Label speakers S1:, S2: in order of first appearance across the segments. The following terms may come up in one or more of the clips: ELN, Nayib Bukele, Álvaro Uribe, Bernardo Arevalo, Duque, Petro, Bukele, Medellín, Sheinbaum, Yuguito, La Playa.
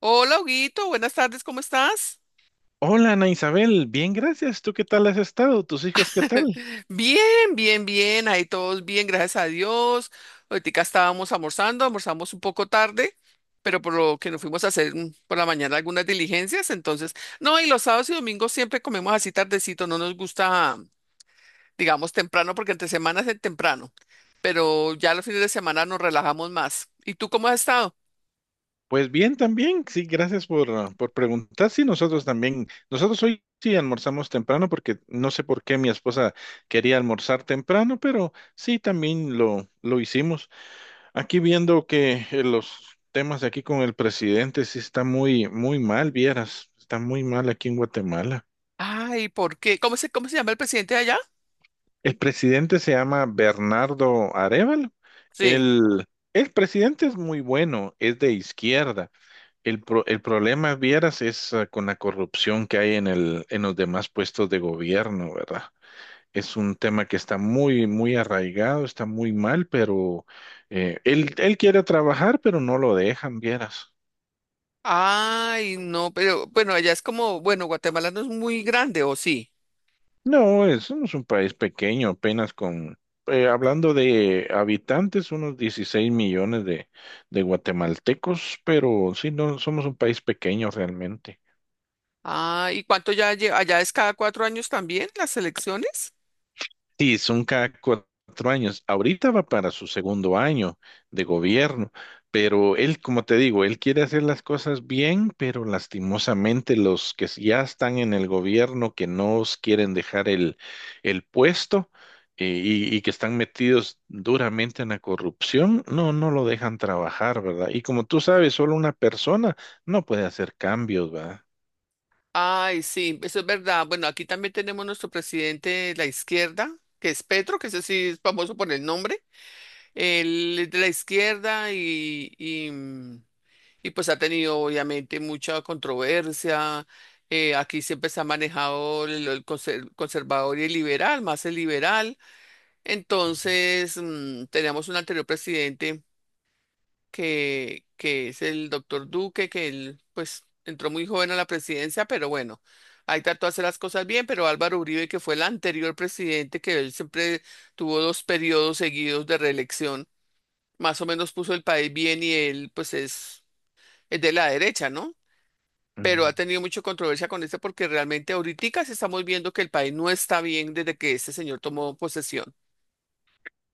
S1: Hola, Huguito, buenas tardes, ¿cómo estás?
S2: Hola, Ana Isabel, bien, gracias. ¿Tú qué tal has estado? ¿Tus hijos qué tal?
S1: Bien, bien, ahí todos bien, gracias a Dios. Ahorita estábamos almorzando, almorzamos un poco tarde, pero por lo que nos fuimos a hacer por la mañana algunas diligencias, entonces, no, y los sábados y domingos siempre comemos así tardecito, no nos gusta, digamos, temprano, porque entre semanas es el temprano, pero ya los fines de semana nos relajamos más. ¿Y tú cómo has estado?
S2: Pues bien también, sí, gracias por preguntar. Sí, nosotros también. Nosotros hoy sí almorzamos temprano porque no sé por qué mi esposa quería almorzar temprano, pero sí, también lo hicimos. Aquí viendo que los temas de aquí con el presidente sí está muy, muy mal, vieras, está muy mal aquí en Guatemala.
S1: Ay, ¿por qué? ¿Cómo se llama el presidente de allá?
S2: El presidente se llama Bernardo Arevalo.
S1: Sí.
S2: El, el presidente es muy bueno, es de izquierda. El problema, vieras, es con la corrupción que hay en en los demás puestos de gobierno, ¿verdad? Es un tema que está muy, muy arraigado, está muy mal, pero él quiere trabajar, pero no lo dejan, vieras.
S1: Ay, no, pero bueno, allá es como, bueno, Guatemala no es muy grande, ¿o sí?
S2: No, somos un país pequeño, apenas con hablando de habitantes, unos 16 millones de guatemaltecos, pero sí, no, somos un país pequeño realmente.
S1: Ah, ¿y cuánto ya lleva? ¿Allá es cada cuatro años también las elecciones?
S2: Sí, son cada cuatro años. Ahorita va para su segundo año de gobierno, pero él, como te digo, él quiere hacer las cosas bien, pero lastimosamente los que ya están en el gobierno, que no os quieren dejar el puesto y que están metidos duramente en la corrupción, no, no lo dejan trabajar, ¿verdad? Y como tú sabes, solo una persona no puede hacer cambios, ¿verdad?
S1: Ay, sí, eso es verdad. Bueno, aquí también tenemos nuestro presidente de la izquierda, que es Petro, que ese sí es famoso por el nombre. Él es de la izquierda y, pues ha tenido obviamente mucha controversia. Aquí siempre se ha manejado el conser- conservador y el liberal, más el liberal. Entonces, teníamos un anterior presidente que es el doctor Duque, que él pues entró muy joven a la presidencia, pero bueno, ahí trató de hacer las cosas bien, pero Álvaro Uribe, que fue el anterior presidente, que él siempre tuvo dos periodos seguidos de reelección, más o menos puso el país bien y él pues es de la derecha, ¿no? Pero ha tenido mucha controversia con este porque realmente ahorita sí estamos viendo que el país no está bien desde que este señor tomó posesión.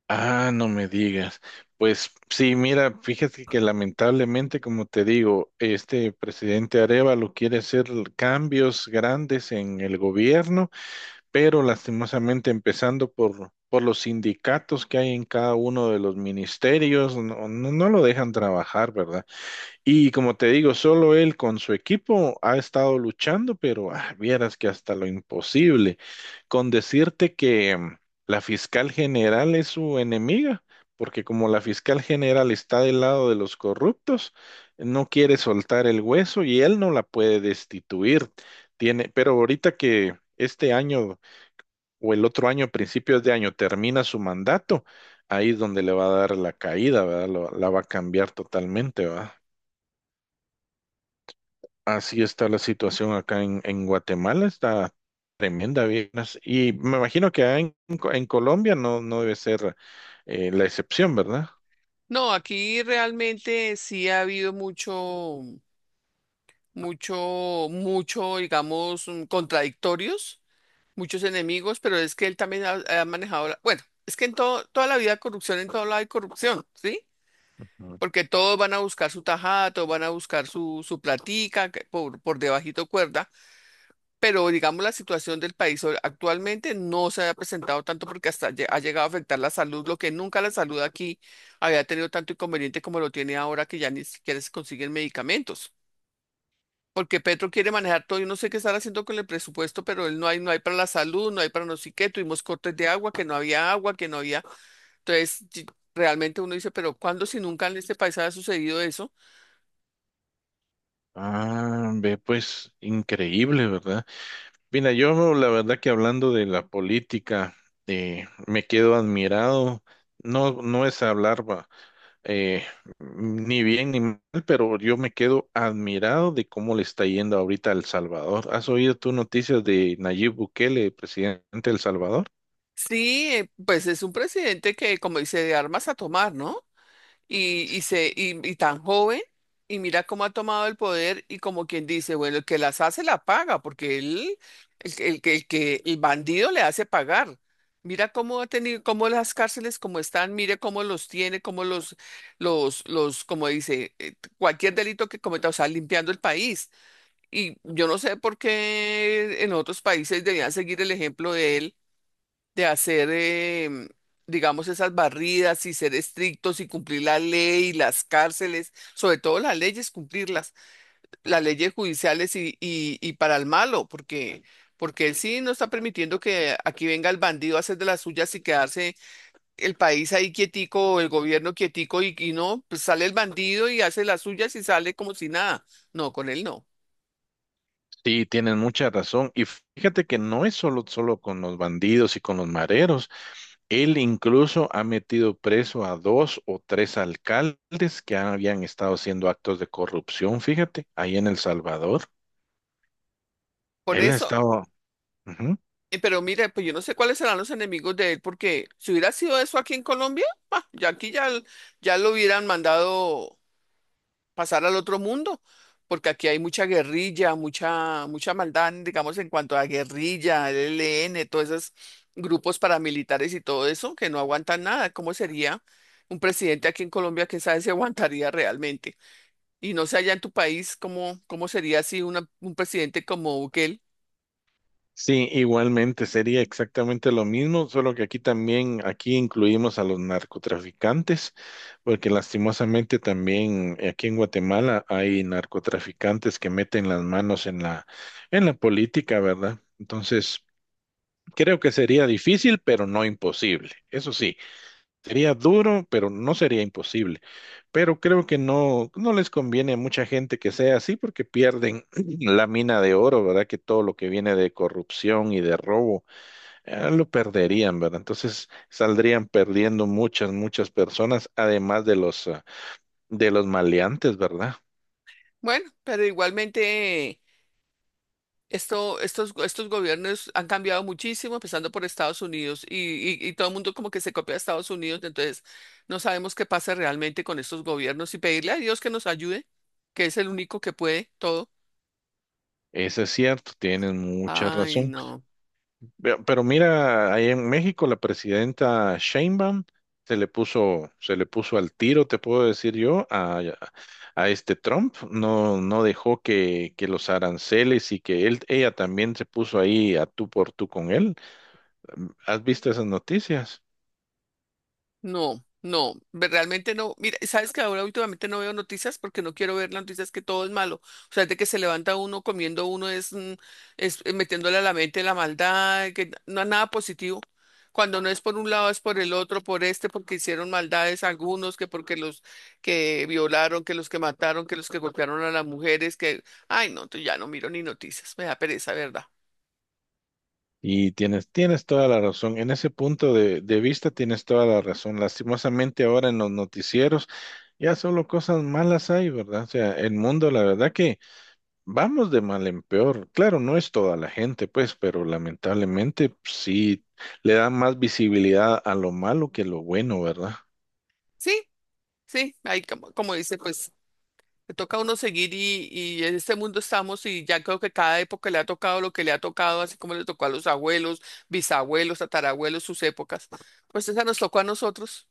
S2: Ah, no me digas. Pues sí, mira, fíjate que lamentablemente, como te digo, este presidente Arevalo quiere hacer cambios grandes en el gobierno, pero lastimosamente empezando por los sindicatos que hay en cada uno de los ministerios, no, no, no lo dejan trabajar, ¿verdad? Y como te digo, solo él con su equipo ha estado luchando, pero vieras que hasta lo imposible. Con decirte que la fiscal general es su enemiga, porque como la fiscal general está del lado de los corruptos, no quiere soltar el hueso y él no la puede destituir. Tiene, pero ahorita que este año o el otro año, principios de año, termina su mandato, ahí es donde le va a dar la caída, ¿verdad? La va a cambiar totalmente, ¿verdad? Así está la situación acá en Guatemala, está tremenda, vieras. Y me imagino que allá en Colombia no, no debe ser la excepción, ¿verdad?
S1: No, aquí realmente sí ha habido mucho, mucho, digamos, contradictorios, muchos enemigos, pero es que él también ha manejado, la- bueno, es que en todo, toda la vida hay corrupción, en todo lado hay corrupción, ¿sí?
S2: Ujú.
S1: Porque todos van a buscar su tajada, todos van a buscar su platica que por debajito cuerda, pero digamos la situación del país hoy- actualmente no se había presentado tanto porque hasta lle- ha llegado a afectar la salud, lo que nunca la salud aquí había tenido tanto inconveniente como lo tiene ahora que ya ni siquiera se consiguen medicamentos. Porque Petro quiere manejar todo, yo no sé qué estar haciendo con el presupuesto, pero él no hay, no hay para la salud, no hay para no sé qué, tuvimos cortes de agua, que no había agua, que no había. Entonces, y- realmente uno dice, pero ¿cuándo si nunca en este país ha sucedido eso?
S2: Ah, ve, pues increíble, ¿verdad? Mira, yo la verdad que hablando de la política, me quedo admirado. No, no es hablar eh, ni bien ni mal, pero yo me quedo admirado de cómo le está yendo ahorita a El Salvador. ¿Has oído tú noticias de Nayib Bukele, presidente de El Salvador?
S1: Sí, pues es un presidente que, como dice, de armas a tomar, ¿no? Y tan joven, y mira cómo ha tomado el poder y como quien dice, bueno, el que las hace la paga, porque él, el, que- el, que el que el bandido le hace pagar. Mira cómo ha tenido, cómo las cárceles como están, mire cómo los tiene, cómo los, como dice, cualquier delito que cometa, o sea, limpiando el país. Y yo no sé por qué en otros países debían seguir el ejemplo de él de hacer, digamos, esas barridas y ser estrictos y cumplir la ley, las cárceles, sobre todo las leyes, cumplirlas, las leyes judiciales y para el malo, porque, porque él sí no está permitiendo que aquí venga el bandido a hacer de las suyas y quedarse el país ahí quietico, o el gobierno quietico y no, pues sale el bandido y hace las suyas y sale como si nada. No, con él no.
S2: Sí, tienen mucha razón. Y fíjate que no es solo con los bandidos y con los mareros. Él incluso ha metido preso a dos o tres alcaldes que habían estado haciendo actos de corrupción, fíjate, ahí en El Salvador.
S1: Por
S2: Él ha
S1: eso.
S2: estado... Ujú.
S1: Pero mire, pues yo no sé cuáles serán los enemigos de él, porque si hubiera sido eso aquí en Colombia, pa, ya aquí ya, l- ya lo hubieran mandado pasar al otro mundo, porque aquí hay mucha guerrilla, mucha, mucha maldad, digamos, en cuanto a guerrilla, el ELN, todos esos grupos paramilitares y todo eso, que no aguantan nada. ¿Cómo sería un presidente aquí en Colombia que sabe si aguantaría realmente? Y no sé allá en tu país cómo, cómo sería así una- un presidente como Bukele.
S2: Sí, igualmente sería exactamente lo mismo, solo que aquí también, aquí incluimos a los narcotraficantes, porque lastimosamente también aquí en Guatemala hay narcotraficantes que meten las manos en en la política, ¿verdad? Entonces, creo que sería difícil, pero no imposible. Eso sí. Sería duro, pero no sería imposible. Pero creo que no, no les conviene a mucha gente que sea así porque pierden la mina de oro, ¿verdad? Que todo lo que viene de corrupción y de robo, lo perderían, ¿verdad? Entonces saldrían perdiendo muchas, muchas personas, además de los de los maleantes, ¿verdad?
S1: Bueno, pero igualmente. Esto, estos gobiernos han cambiado muchísimo, empezando por Estados Unidos, y todo el mundo como que se copia a Estados Unidos, entonces no sabemos qué pasa realmente con estos gobiernos y pedirle a Dios que nos ayude, que es el único que puede todo.
S2: Eso es cierto, tienen mucha
S1: Ay,
S2: razón.
S1: no.
S2: Pero mira, ahí en México la presidenta Sheinbaum se le puso al tiro, te puedo decir yo, a este Trump. No, no dejó que los aranceles y que él, ella también se puso ahí a tú por tú con él. ¿Has visto esas noticias?
S1: No, no, ve- realmente no. Mira, sabes que ahora últimamente no veo noticias porque no quiero ver las noticias que todo es malo. O sea, de que se levanta uno comiendo uno es, metiéndole a la mente la maldad, que no es nada positivo. Cuando no es por un lado es por el otro, por este, porque hicieron maldades algunos, que porque los que violaron, que los que mataron, que los que golpearon a las mujeres, que, ay, no, entonces ya no miro ni noticias, me da pereza, ¿verdad?
S2: Y tienes toda la razón. En ese punto de vista tienes toda la razón. Lastimosamente ahora en los noticieros ya solo cosas malas hay, ¿verdad? O sea, el mundo, la verdad que vamos de mal en peor. Claro, no es toda la gente, pues, pero lamentablemente sí le da más visibilidad a lo malo que lo bueno, ¿verdad?
S1: Sí, sí, ahí como, como dice, pues le toca a uno seguir y en este mundo estamos y ya creo que cada época le ha tocado lo que le ha tocado, así como le tocó a los abuelos, bisabuelos, tatarabuelos, sus épocas. Pues esa nos tocó a nosotros.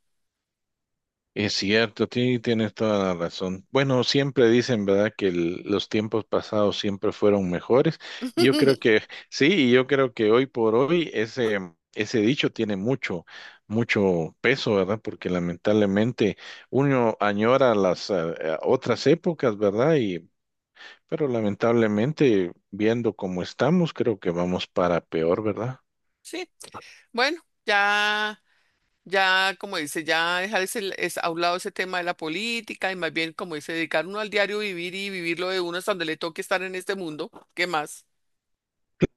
S2: Es cierto, tienes toda la razón. Bueno, siempre dicen, ¿verdad?, que los tiempos pasados siempre fueron mejores. Y yo creo que sí, y yo creo que hoy por hoy ese dicho tiene mucho, mucho peso, ¿verdad? Porque lamentablemente uno añora las otras épocas, ¿verdad? Y pero lamentablemente, viendo cómo estamos, creo que vamos para peor, ¿verdad?
S1: Sí, bueno, ya. Ya, como dice, ya dejar ese, es, a un lado ese tema de la política y más bien, como dice, dedicar uno al diario vivir y vivir lo de uno hasta donde le toque estar en este mundo. ¿Qué más?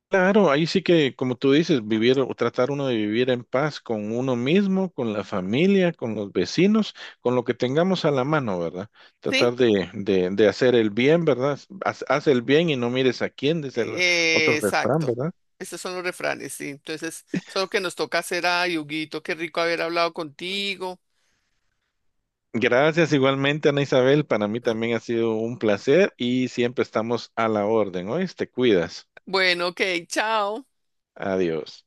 S2: Claro, ahí sí que, como tú dices, vivir o tratar uno de vivir en paz con uno mismo, con la familia, con los vecinos, con lo que tengamos a la mano, ¿verdad?
S1: Sí,
S2: Tratar de hacer el bien, ¿verdad? Haz el bien y no mires a quién, dice el otro refrán,
S1: exacto.
S2: ¿verdad?
S1: Estos son los refranes, sí. Entonces, solo que nos toca hacer a Yuguito. Qué rico haber hablado contigo.
S2: Gracias igualmente, Ana Isabel. Para mí también ha sido un placer y siempre estamos a la orden. Hoy te cuidas.
S1: Bueno, ok, chao.
S2: Adiós.